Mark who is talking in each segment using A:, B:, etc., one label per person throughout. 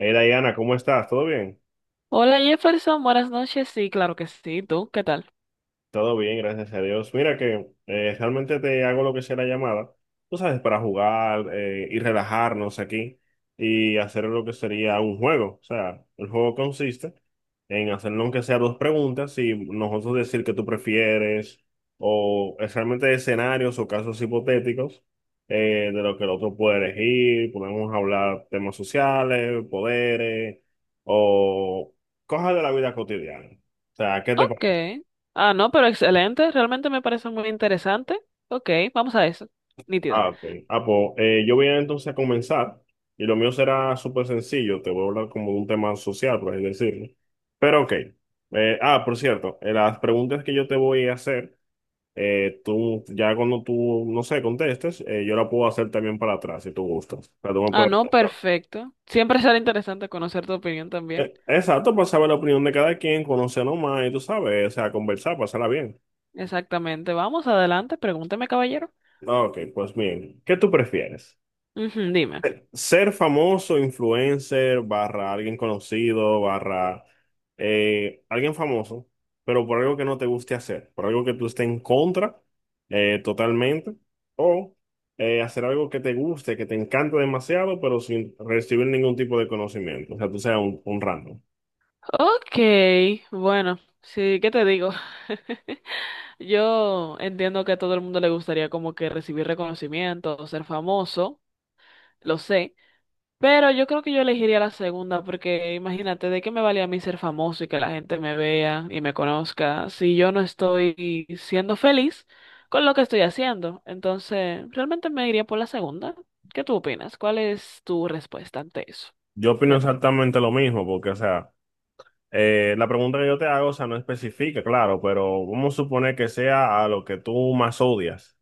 A: Hey Diana, ¿cómo estás? ¿Todo bien?
B: Hola Jefferson, buenas noches. Sí, claro que sí. ¿Tú qué tal?
A: Todo bien, gracias a Dios. Mira que realmente te hago lo que sea la llamada, tú sabes, para jugar y relajarnos aquí y hacer lo que sería un juego. O sea, el juego consiste en hacernos aunque sea dos preguntas y nosotros decir que tú prefieres o es realmente escenarios o casos hipotéticos de lo que el otro puede elegir. Podemos hablar temas sociales, poderes o cosas de la vida cotidiana. O sea, ¿qué te
B: Ok.
A: parece?
B: No, pero excelente. Realmente me parece muy interesante. Ok, vamos a eso. Nítido.
A: Ah, ok. Ah, pues, yo voy a entonces a comenzar y lo mío será súper sencillo. Te voy a hablar como de un tema social, por así decirlo. Pero ok. Por cierto, las preguntas que yo te voy a hacer, tú ya cuando tú, no sé, contestes, yo la puedo hacer también para atrás si tú gustas. O sea, tú me puedes
B: No,
A: preguntar.
B: perfecto. Siempre será interesante conocer tu opinión también.
A: Exacto, para saber la opinión de cada quien, conocernos más y tú sabes, o sea, conversar, pasarla bien.
B: Exactamente. Vamos adelante. Pregúntame, caballero.
A: Ah, ok, pues bien. ¿Qué tú prefieres?
B: Ujú, dime.
A: Ser famoso, influencer, barra alguien conocido, barra alguien famoso, pero por algo que no te guste hacer, por algo que tú estés en contra totalmente, o hacer algo que te guste, que te encante demasiado, pero sin recibir ningún tipo de conocimiento, o sea, tú seas un random.
B: Ok, bueno, sí, ¿qué te digo? Yo entiendo que a todo el mundo le gustaría como que recibir reconocimiento o ser famoso. Lo sé. Pero yo creo que yo elegiría la segunda porque imagínate, ¿de qué me vale a mí ser famoso y que la gente me vea y me conozca si yo no estoy siendo feliz con lo que estoy haciendo? Entonces, realmente me iría por la segunda. ¿Qué tú opinas? ¿Cuál es tu respuesta ante eso?
A: Yo opino
B: Cuenta.
A: exactamente lo mismo, porque, o sea, la pregunta que yo te hago, o sea, no especifica, claro, pero vamos a suponer que sea a lo que tú más odias.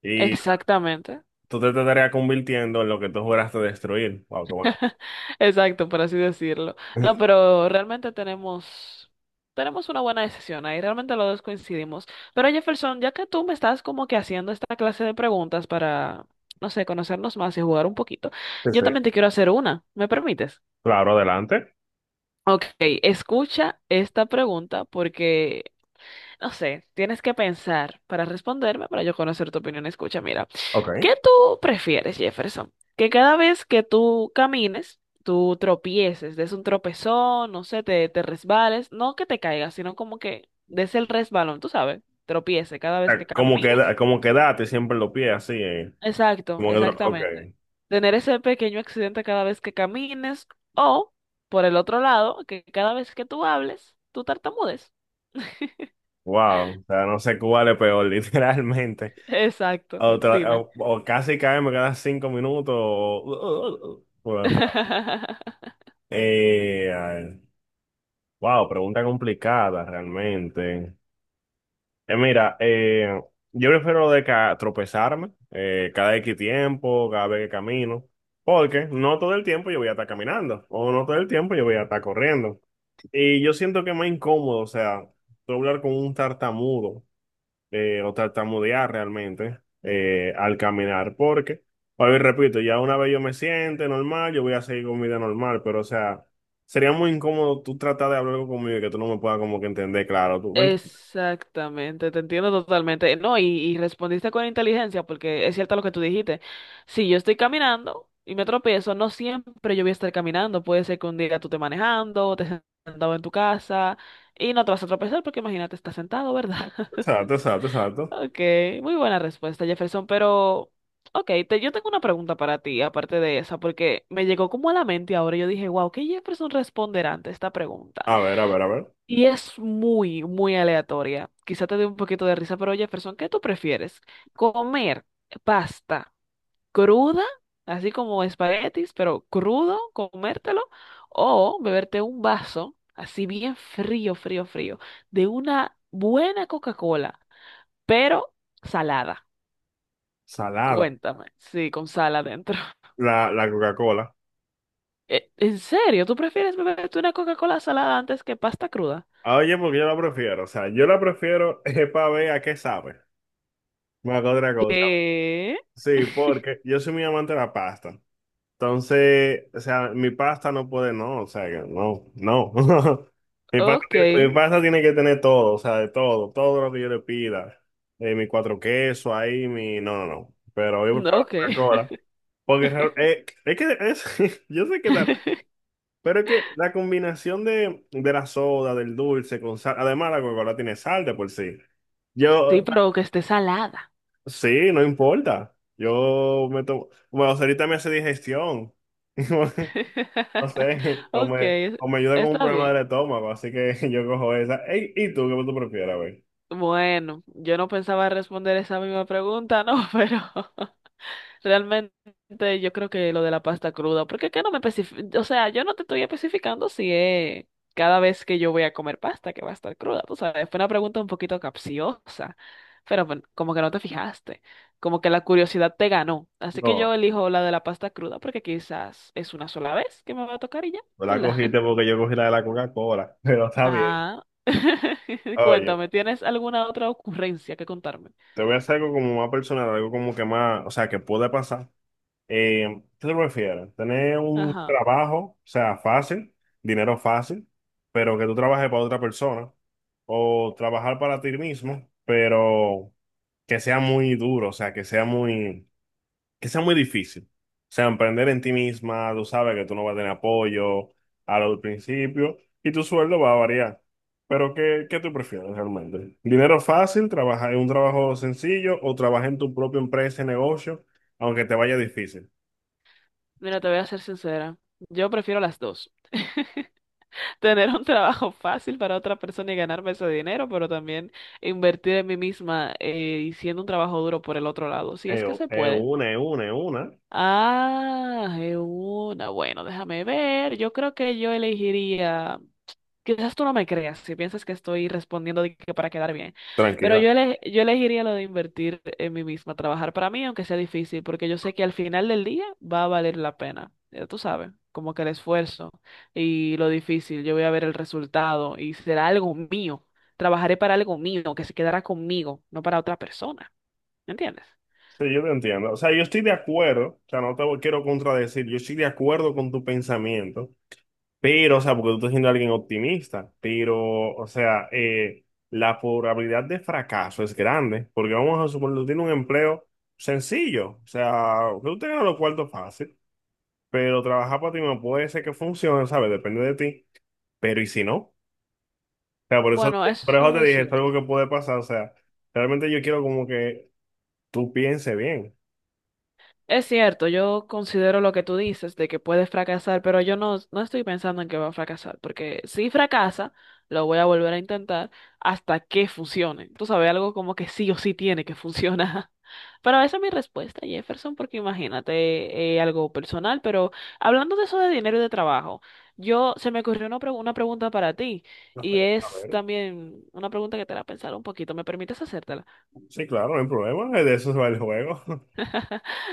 A: Y
B: Exactamente.
A: tú te estarías convirtiendo en lo que tú juraste destruir. ¡Wow, qué bueno!
B: Exacto, por así decirlo. No, pero realmente tenemos una buena decisión ahí, realmente los dos coincidimos. Pero Jefferson, ya que tú me estás como que haciendo esta clase de preguntas para, no sé, conocernos más y jugar un poquito,
A: Sí,
B: yo
A: sí.
B: también te quiero hacer una, ¿me permites?
A: Claro, adelante.
B: Ok, escucha esta pregunta porque no sé, tienes que pensar para responderme, para yo conocer tu opinión. Escucha, mira,
A: Ok.
B: ¿qué tú prefieres, Jefferson? Que cada vez que tú camines, tú tropieces, des un tropezón, no sé, te resbales, no que te caigas, sino como que des el resbalón, tú sabes, tropiece cada vez que
A: Como
B: camines.
A: como quedate siempre los pies así, eh.
B: Exacto,
A: Ok.
B: exactamente. Tener ese pequeño accidente cada vez que camines o, por el otro lado, que cada vez que tú hables, tú tartamudes.
A: Wow. O sea, no sé cuál es peor, literalmente.
B: Exacto,
A: O, tra-
B: dime.
A: o- o casi cae, me quedan 5 minutos. Fue. Eh, ay, wow, pregunta complicada realmente. Mira, yo prefiero lo de tropezarme cada X tiempo, cada vez que camino, porque no todo el tiempo yo voy a estar caminando, o no todo el tiempo yo voy a estar corriendo. Y yo siento que es más incómodo, o sea, tú hablar con un tartamudo, o tartamudear realmente al caminar, porque, a ver, repito, ya una vez yo me siente normal, yo voy a seguir con mi vida normal, pero o sea, sería muy incómodo tú tratar de hablar conmigo y que tú no me puedas como que entender, claro, tú, ¿me entiendes?
B: Exactamente, te entiendo totalmente. No, y respondiste con inteligencia, porque es cierto lo que tú dijiste. Si yo estoy caminando y me tropiezo, no siempre yo voy a estar caminando. Puede ser que un día tú te manejando, o te sentado en tu casa y no te vas a tropezar porque imagínate, estás sentado, ¿verdad?
A: Exacto, exacto, exacto.
B: Ok, muy buena respuesta, Jefferson, pero ok, te, yo tengo una pregunta para ti, aparte de esa, porque me llegó como a la mente ahora. Yo dije, wow, ¿qué Jefferson responderá ante esta pregunta?
A: A ver, a ver, a ver.
B: Y es muy aleatoria. Quizá te dé un poquito de risa, pero Jefferson, ¿qué tú prefieres? ¿Comer pasta cruda, así como espaguetis, pero crudo, comértelo? ¿O beberte un vaso, así bien frío, de una buena Coca-Cola, pero salada?
A: Salada.
B: Cuéntame, sí, con sal adentro.
A: La Coca-Cola.
B: ¿En serio? ¿Tú prefieres beberte una Coca-Cola salada antes que pasta cruda?
A: Ah, oye, porque yo la prefiero. O sea, yo la prefiero es para ver a qué sabe. Más que otra cosa.
B: ¿Qué?
A: Sí, porque yo soy muy amante de la pasta. Entonces, o sea, mi pasta no puede, no. O sea, que no, no. Mi pasta,
B: Ok,
A: mi pasta tiene que tener todo, o sea, de todo, todo lo que yo le pida. Mi cuatro quesos ahí, mi. No, no, no. Pero yo prefiero la
B: ok.
A: Coca-Cola. Porque es que es, yo sé que, pero es que la combinación de la soda, del dulce con sal, además la Coca-Cola tiene sal de por sí.
B: Sí,
A: Yo,
B: pero que esté salada.
A: sí, no importa. Yo me tomo, bueno, ahorita me hace digestión. No sé,
B: Ok,
A: o me ayuda con un
B: está
A: problema
B: bien.
A: del estómago, así que yo cojo esa. Ey, ¿y tú qué tú prefieres, güey?
B: Bueno, yo no pensaba responder esa misma pregunta, no, pero realmente yo creo que lo de la pasta cruda, porque que no me especifica, o sea, yo no te estoy especificando si es cada vez que yo voy a comer pasta que va a estar cruda, tú sabes, fue una pregunta un poquito capciosa, pero bueno, como que no te fijaste, como que la curiosidad te ganó, así que yo
A: No,
B: elijo la de la pasta cruda porque quizás es una sola vez que me va a tocar y ya,
A: no la
B: ¿verdad?
A: cogiste porque yo cogí la de la Coca-Cola, pero está bien.
B: Ah,
A: Oye,
B: cuéntame, ¿tienes alguna otra ocurrencia que contarme?
A: te voy a hacer algo como más personal, algo como que más, o sea, que puede pasar. ¿Qué te prefieres? ¿Tener un
B: Ajá,
A: trabajo, o sea, fácil, dinero fácil, pero que tú trabajes para otra persona? ¿O trabajar para ti mismo, pero que sea muy duro, o sea, que sea muy difícil? O sea, emprender en ti misma, tú sabes que tú no vas a tener apoyo al principio y tu sueldo va a variar. Pero ¿qué, qué tú prefieres realmente? ¿Dinero fácil, trabajar en un trabajo sencillo o trabajar en tu propia empresa y negocio, aunque te vaya difícil?
B: mira, te voy a ser sincera. Yo prefiero las dos. Tener un trabajo fácil para otra persona y ganarme ese dinero, pero también invertir en mí misma y siendo un trabajo duro por el otro lado, si
A: Es
B: es que se
A: es
B: puede.
A: una, es una, es una.
B: Ah, es una. Bueno, déjame ver. Yo creo que yo elegiría. Quizás tú no me creas si piensas que estoy respondiendo de que para quedar bien, pero
A: Tranquila.
B: yo elegiría lo de invertir en mí misma, trabajar para mí, aunque sea difícil, porque yo sé que al final del día va a valer la pena. Ya tú sabes, como que el esfuerzo y lo difícil, yo voy a ver el resultado y será algo mío. Trabajaré para algo mío, que se quedará conmigo, no para otra persona. ¿Me entiendes?
A: Sí, yo te entiendo. O sea, yo estoy de acuerdo. O sea, no te quiero contradecir. Yo estoy de acuerdo con tu pensamiento. Pero, o sea, porque tú estás siendo alguien optimista. Pero, o sea, la probabilidad de fracaso es grande. Porque vamos a suponer, tú tienes un empleo sencillo. O sea, que tú tengas los cuartos fácil. Pero trabajar para ti no puede ser que funcione, ¿sabes? Depende de ti. Pero, ¿y si no? O sea, por eso,
B: Bueno,
A: por eso
B: eso
A: te
B: es
A: dije, esto es
B: cierto.
A: algo que puede pasar. O sea, realmente yo quiero como que tú piense bien.
B: Es cierto, yo considero lo que tú dices de que puedes fracasar, pero yo no, no estoy pensando en que va a fracasar, porque si fracasa, lo voy a volver a intentar hasta que funcione. Tú sabes, algo como que sí o sí tiene que funcionar. Pero esa es mi respuesta, Jefferson, porque imagínate algo personal, pero hablando de eso de dinero y de trabajo, yo se me ocurrió una pregunta para ti
A: A
B: y
A: ver, a
B: es
A: ver.
B: también una pregunta que te hará pensar un poquito. ¿Me permites hacértela?
A: Sí, claro, no hay problema. De eso se va el juego.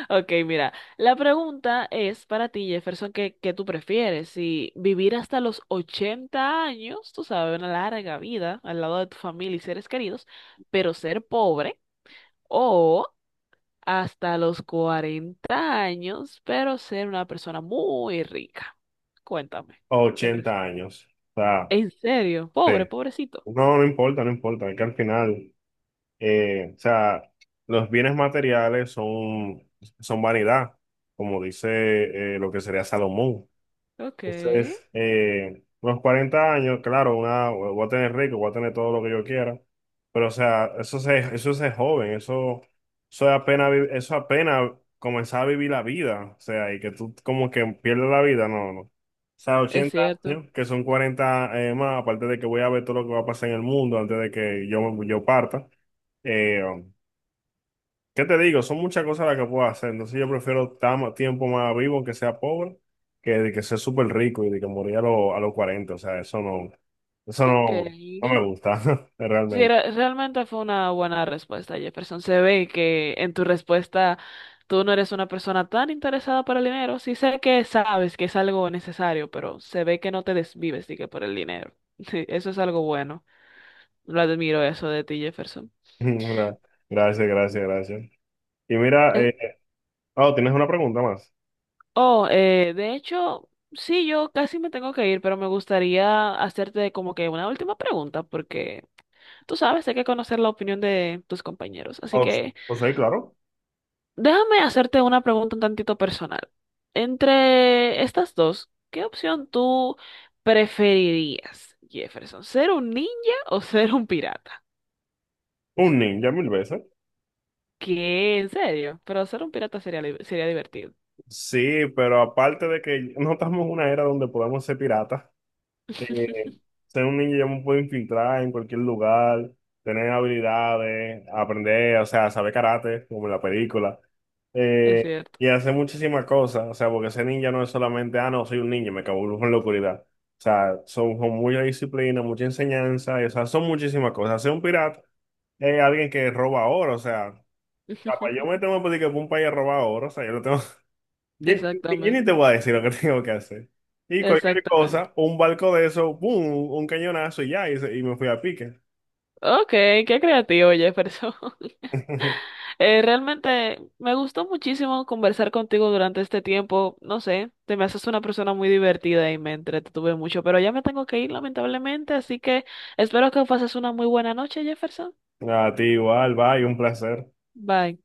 B: Ok, mira, la pregunta es para ti, Jefferson, ¿qué, qué tú prefieres? Si vivir hasta los 80 años, tú sabes, una larga vida al lado de tu familia y seres queridos, pero ser pobre, o hasta los 40 años, pero ser una persona muy rica. Cuéntame, ¿qué prefieres?
A: 80 años. O sea,
B: ¿En serio?
A: sí.
B: Pobre, pobrecito.
A: No, no importa, no importa. Es que al final, o sea, los bienes materiales son, son vanidad, como dice lo que sería Salomón.
B: Ok, es
A: Entonces, los 40 años, claro, una, voy a tener rico, voy a tener todo lo que yo quiera, pero o sea, eso se, eso es joven, eso es apenas, eso es apenas comenzar a vivir la vida, o sea, y que tú como que pierdes la vida, no, no. O sea, ochenta
B: cierto.
A: años, que son 40 más, aparte de que voy a ver todo lo que va a pasar en el mundo antes de que yo, parta. Eh, ¿Qué te digo? Son muchas cosas las que puedo hacer. Entonces yo prefiero estar más tiempo más vivo que sea pobre que de que sea súper rico y de que morir a, a los 40. O sea, eso
B: Ok.
A: no, no me gusta,
B: Sí,
A: realmente.
B: realmente fue una buena respuesta, Jefferson. Se ve que en tu respuesta tú no eres una persona tan interesada por el dinero. Sí sé que sabes que es algo necesario, pero se ve que no te desvives, que por el dinero. Sí, eso es algo bueno. Lo admiro eso de ti, Jefferson.
A: Gra- Gracias, gracias, gracias. Y mira,
B: Eh,
A: oh, ¿tienes una pregunta más?
B: Oh, de hecho, sí, yo casi me tengo que ir, pero me gustaría hacerte como que una última pregunta, porque tú sabes, hay que conocer la opinión de tus compañeros. Así
A: Os,
B: que...
A: os soy claro.
B: Déjame hacerte una pregunta un tantito personal. Entre estas dos, ¿qué opción tú preferirías, Jefferson? ¿Ser un ninja o ser un pirata?
A: Un ninja mil veces.
B: ¿Qué? ¿En serio? Pero ser un pirata sería, sería divertido.
A: Sí, pero aparte de que no estamos en una era donde podemos ser piratas, eh, ser un ninja ya me puedo infiltrar en cualquier lugar, tener habilidades, aprender, o sea, saber karate, como en la película,
B: Es
A: eh,
B: cierto.
A: y hacer muchísimas cosas, o sea, porque ser ninja no es solamente, ah, no, soy un ninja, me camuflo en la oscuridad. O sea, son, son mucha disciplina, mucha enseñanza, y, o sea, son muchísimas cosas. Ser un pirata es alguien que roba oro, o sea, para yo meterme a pedir que un país a robar oro, o sea, yo lo tengo yo, ni
B: Exactamente.
A: te voy a decir lo que tengo que hacer. Y cualquier
B: Exactamente.
A: cosa, un barco de eso, ¡pum! Un cañonazo y ya, y, y me fui a pique.
B: Ok, qué creativo, Jefferson. Realmente me gustó muchísimo conversar contigo durante este tiempo. No sé, te me haces una persona muy divertida y me entretuve mucho, pero ya me tengo que ir lamentablemente, así que espero que pases una muy buena noche, Jefferson.
A: A ti igual, bye, un placer.
B: Bye.